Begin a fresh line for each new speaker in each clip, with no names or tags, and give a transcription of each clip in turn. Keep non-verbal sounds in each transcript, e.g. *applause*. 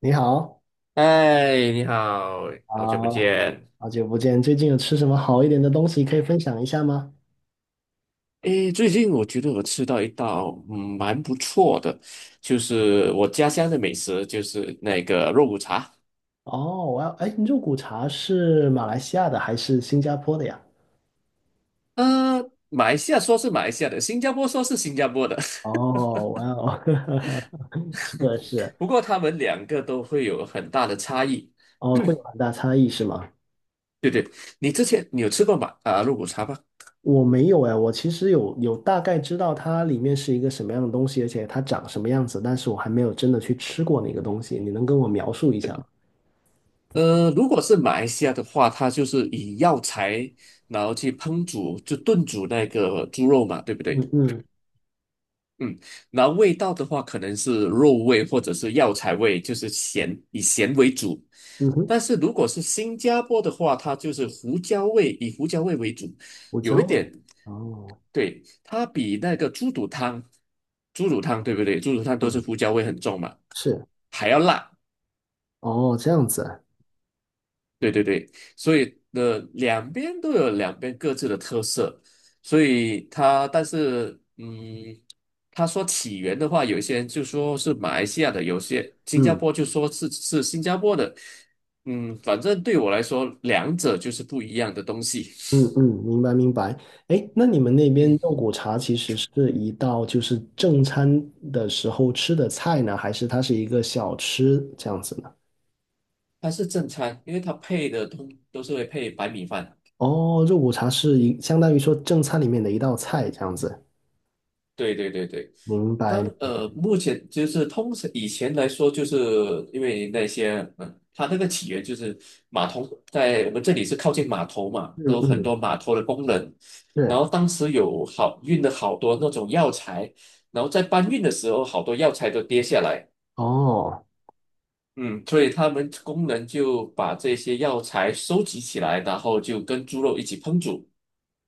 你好，
嗨，你好，好久不
啊，
见。
好久不见，最近有吃什么好一点的东西可以分享一下吗？
诶，最近我觉得我吃到一道蛮不错的，就是我家乡的美食，就是那个肉骨茶。
哦，哇，哎，肉骨茶是马来西亚的还是新加坡的呀？
呃，马来西亚说是马来西亚的，新加坡说是新加坡的。
哦，哇哦，*laughs* 是的是的，
*laughs* 不过他们两个都会有很大的差异。
哦，会有很大差异是吗？
对对，你之前有吃过肉骨茶吗？
我没有哎，我其实有大概知道它里面是一个什么样的东西，而且它长什么样子，但是我还没有真的去吃过那个东西，你能跟我描述一下吗？
如果是马来西亚的话，它就是以药材然后去烹煮，就炖煮那个猪肉嘛，对不对？
嗯嗯，
嗯，然后味道的话，可能是肉味或者是药材味，就是咸，以咸为主。
嗯哼，
但是如果是新加坡的话，它就是胡椒味，以胡椒味为主，
胡
有
椒
一
味。
点。
哦，
对，它比那个猪肚汤，猪肚汤对不对？猪肚汤都是
嗯，
胡椒味很重嘛，
是，
还要辣。
哦，这样子，
对对对，所以的两边都有两边各自的特色，所以它但是，他说起源的话，有一些人就说是马来西亚的，有些新加
嗯。
坡就说是新加坡的。反正对我来说，两者就是不一样的东西。
嗯嗯，明白明白。哎，那你们那边
嗯，
肉骨茶其实是一道就是正餐的时候吃的菜呢，还是它是一个小吃这样子呢？
它是正餐，因为它配的通都是会配白米饭。
哦，肉骨茶是一相当于说正餐里面的一道菜这样子。
对对对对。
明白。
目前就是通常以前来说，就是因为那些，它那个起源就是码头，在我们这里是靠近码头嘛，
嗯
都有很
嗯，
多码头的工人，然
是。
后当时有好运了好多那种药材，然后在搬运的时候，好多药材都跌下来。
哦，
嗯，所以他们工人就把这些药材收集起来，然后就跟猪肉一起烹煮。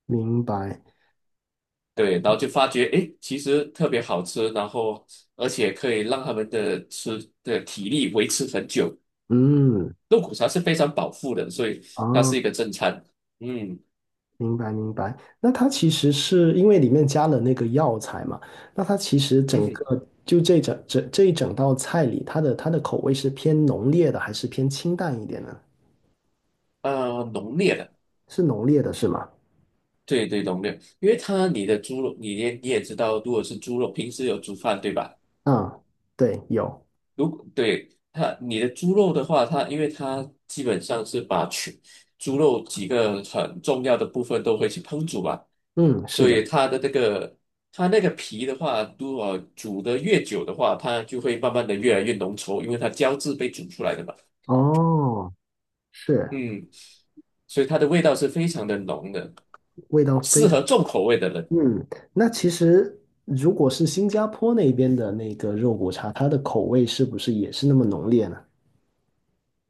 明白。
对，然后就发觉，诶，其实特别好吃，然后而且可以让他们的吃的体力维持很久。
嗯，
肉骨茶是非常饱腹的，所以它
啊。
是一个正餐。嗯
明白明白。那它其实是因为里面加了那个药材嘛，那它其实
嗯
整
哼，
个就这一整道菜里，它的口味是偏浓烈的，还是偏清淡一点呢？
啊，浓烈的。
是浓烈的，是吗？
对对，浓烈，因为它你的猪肉，你也知道，如果是猪肉，平时有煮饭对吧？
啊，对，有，
如果对它，你的猪肉的话，因为它基本上是把全猪肉几个很重要的部分都会去烹煮嘛，
嗯，是
所
的，
以它的那个它那个皮的话，如果煮得越久的话，它就会慢慢的越来越浓稠，因为它胶质被煮出来的嘛。
哦，是，
嗯，所以它的味道是非常的浓的，
味道非
适合
常，
重口味的人。
嗯，那其实如果是新加坡那边的那个肉骨茶，它的口味是不是也是那么浓烈呢？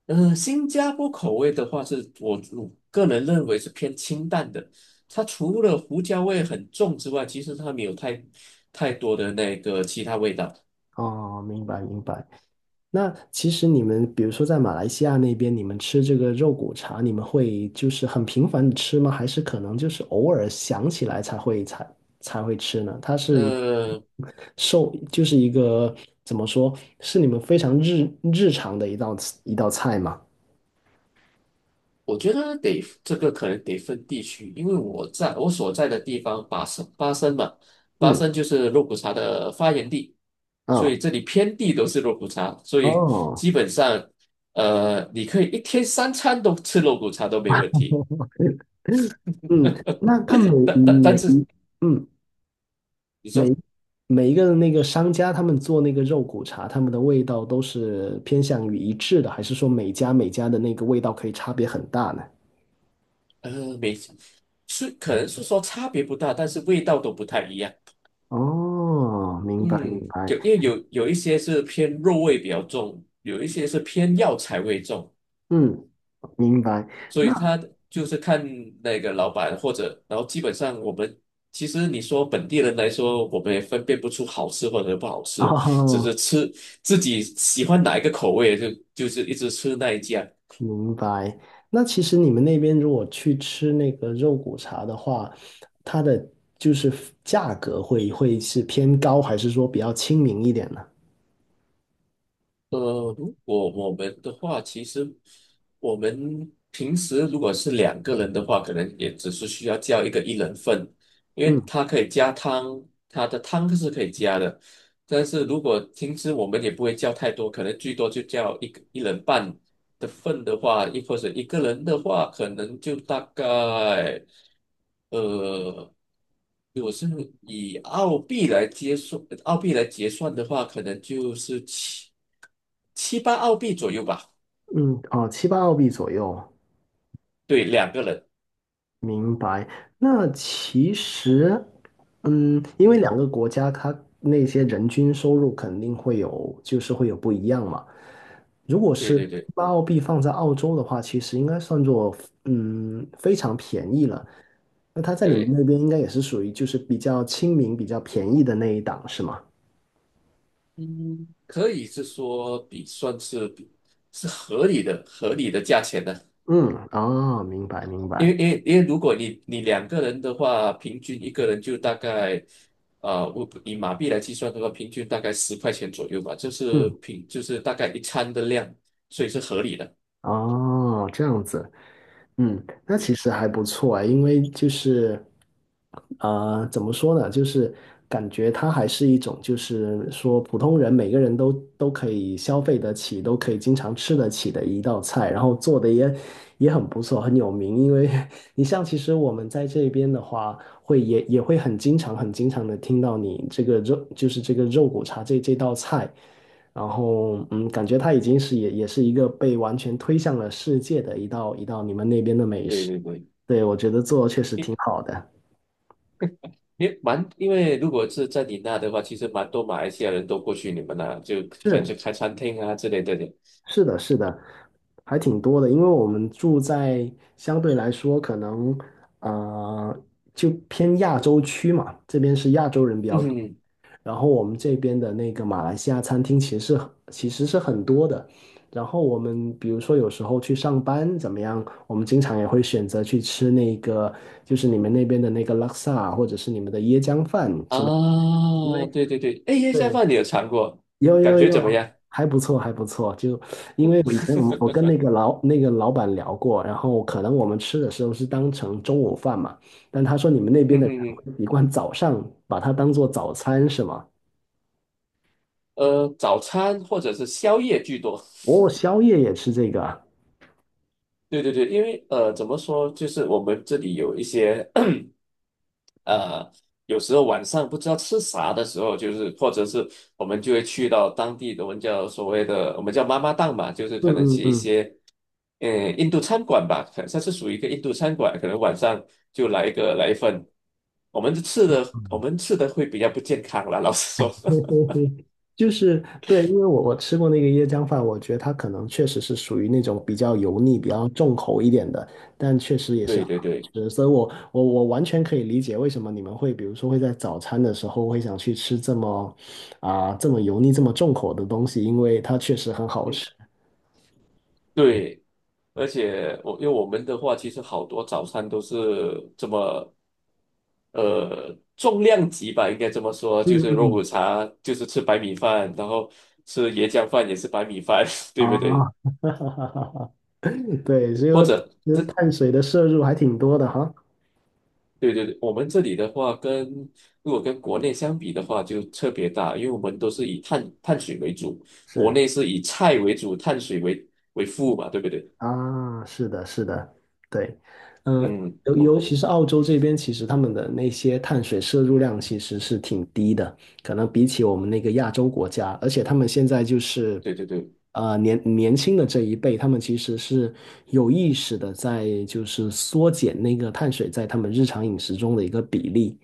新加坡口味的话是，我个人认为是偏清淡的。它除了胡椒味很重之外，其实它没有太多的那个其他味道。
哦，明白明白。那其实你们，比如说在马来西亚那边，你们吃这个肉骨茶，你们会就是很频繁的吃吗？还是可能就是偶尔想起来才会吃呢？它是一
呃，
受，就是一个怎么说，是你们非常日常的一道菜吗？
我觉得这个可能得分地区，因为我在我所在的地方巴生嘛，巴
嗯，
生就是肉骨茶的发源地，所
啊，
以这里遍地都是肉骨茶，所以
哦，
基本上，你可以一天三餐都吃肉骨茶都没问题。
*laughs* 嗯，那它每
但但但
每
是
嗯。
你
每。
说。
每一个那个商家他们做那个肉骨茶，他们的味道都是偏向于一致的，还是说每家每家的那个味道可以差别很大呢？
没，是可能是说差别不大，但是味道都不太一样。
哦，明白明
嗯，
白，
有因为有一些是偏肉味比较重，有一些是偏药材味重，
嗯，明白。
所以
那
他就是看那个老板或者，然后基本上我们其实你说本地人来说，我们也分辨不出好吃或者不好吃，只
哦，
是吃自己喜欢哪一个口味就是一直吃那一家。
明白。那其实你们那边如果去吃那个肉骨茶的话，它的就是价格会是偏高，还是说比较亲民一点呢？
如果我们的话，其实我们平时如果是两个人的话，可能也只是需要叫一个一人份，因
嗯
为它可以加汤，它的汤是可以加的。但是如果平时我们也不会叫太多，可能最多就叫一个一人半的份的话，或者一个人的话，可能就大概，呃，如果是以澳币来结算的话，可能就是七八澳币左右吧。
嗯，哦，七八澳币左右。
对，两个人，
明白。那其实，嗯，因为
嗯，
两个国家它那些人均收入肯定会有，就是会有不一样嘛。如果
对
是
对对
把澳币放在澳洲的话，其实应该算作嗯非常便宜了。那它在你们
对，
那边应该也是属于就是比较亲民、比较便宜的那一档，是吗？
嗯，可以是说算是合理的价钱呢。
嗯，哦，明白明
因为
白。
因为因为如果你两个人的话，平均一个人就大概，啊，我以马币来计算的话，平均大概十块钱左右吧，就是
嗯，
平就是大概一餐的量，所以是合理的。
哦，这样子。嗯，那其实还不错啊，因为就是，怎么说呢，就是感觉它还是一种，就是说普通人每个人都都可以消费得起，都可以经常吃得起的一道菜，然后做的也很不错，很有名。因为 *laughs* 你像其实我们在这边的话，也会很经常的听到你这个肉，就是这个肉骨茶这道菜。然后嗯，感觉它已经是也是一个被完全推向了世界的一道你们那边的美
对
食。
对对，
对，我觉得做确实挺
因
好的。
因为如果是在你那的话，其实蛮多马来西亚人都过去你们那，就可能
是，
就开餐厅啊之类的。
是的，是的，还挺多的。因为我们住在相对来说可能呃就偏亚洲区嘛，这边是亚洲人比较多。
嗯
然后我们这边的那个马来西亚餐厅其实是很多的。然后我们比如说有时候去上班怎么样，我们经常也会选择去吃那个，就是你们那边的那个拉萨，或者是你们的椰浆饭之类的。
啊，
因为
对对对，哎，椰菜
对，
饭你有尝过，
有
感
有
觉怎么
有，
样？
还不错还不错。就因为我以前我们我跟那个老板聊过，然后可能我们吃的时候是当成中午饭嘛，但他说你们那边
嗯
的
哼
人会
哼，
习惯早上把它当做早餐是吗？
早餐或者是宵夜居多。
哦，宵夜也吃这个啊。
对对对，因为怎么说，就是我们这里有一些 *coughs* *clears throat* 呃，有时候晚上不知道吃啥的时候，就是或者是我们就会去到当地的，我们叫所谓的我们叫妈妈档嘛，就是
嗯
可能
嗯
去一
嗯
些印度餐馆吧，可它是属于一个印度餐馆，可能晚上就来一份，我们吃的我
嗯，
们吃的会比较不健康啦，老实说。
*laughs* 嘿
*laughs*
嘿嘿，就是对，因为我吃过那个椰浆饭，我觉得它可能确实是属于那种比较油腻、比较重口一点的，但确实也是
对
很好
对对，
吃，所以我完全可以理解为什么你们会，比如说会在早餐的时候会想去吃这么这么油腻、这么重口的东西，因为它确实很好
嗯，
吃。
对。而且因为我们的话，其实好多早餐都是这么，重量级吧，应该这么说，就是肉骨
嗯
茶，就是吃白米饭，然后吃椰浆饭也是白米饭，*laughs* 对不对？
啊，*laughs* 对，所
或
以
者，
就是碳水的摄入还挺多的哈。
对对对，我们这里的话跟，如果跟国内相比的话，就特别大，因为我们都是以碳水为主，国
是。
内是以菜为主，碳水为辅嘛，对不对？
啊，是的，是的，对，呃，
嗯，
尤
哦，
尤其是澳洲这边，其实他们的那些碳水摄入量其实是挺低的，可能比起我们那个亚洲国家，而且他们现在就是，
对对对，
年轻的这一辈，他们其实是有意识的在就是缩减那个碳水在他们日常饮食中的一个比例，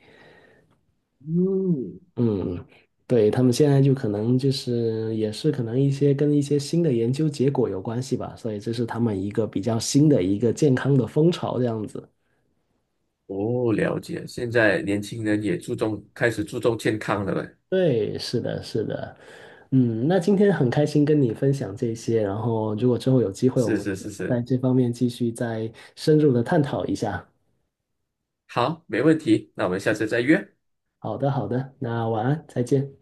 嗯，
嗯，对，他们现在就可能就是也是可能一些跟一些新的研究结果有关系吧，所以这是他们一个比较新的一个健康的风潮这样子。
哦，了解。现在年轻人也注重，开始注重健康了呗。
对，是的，是的，嗯，那今天很开心跟你分享这些，然后如果之后有机会，我
是
们
是是
在
是，
这方面继续再深入的探讨一下。
好，没问题。那我们下次再约，
好的，好的，那晚安，再见。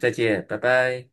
再见，拜拜。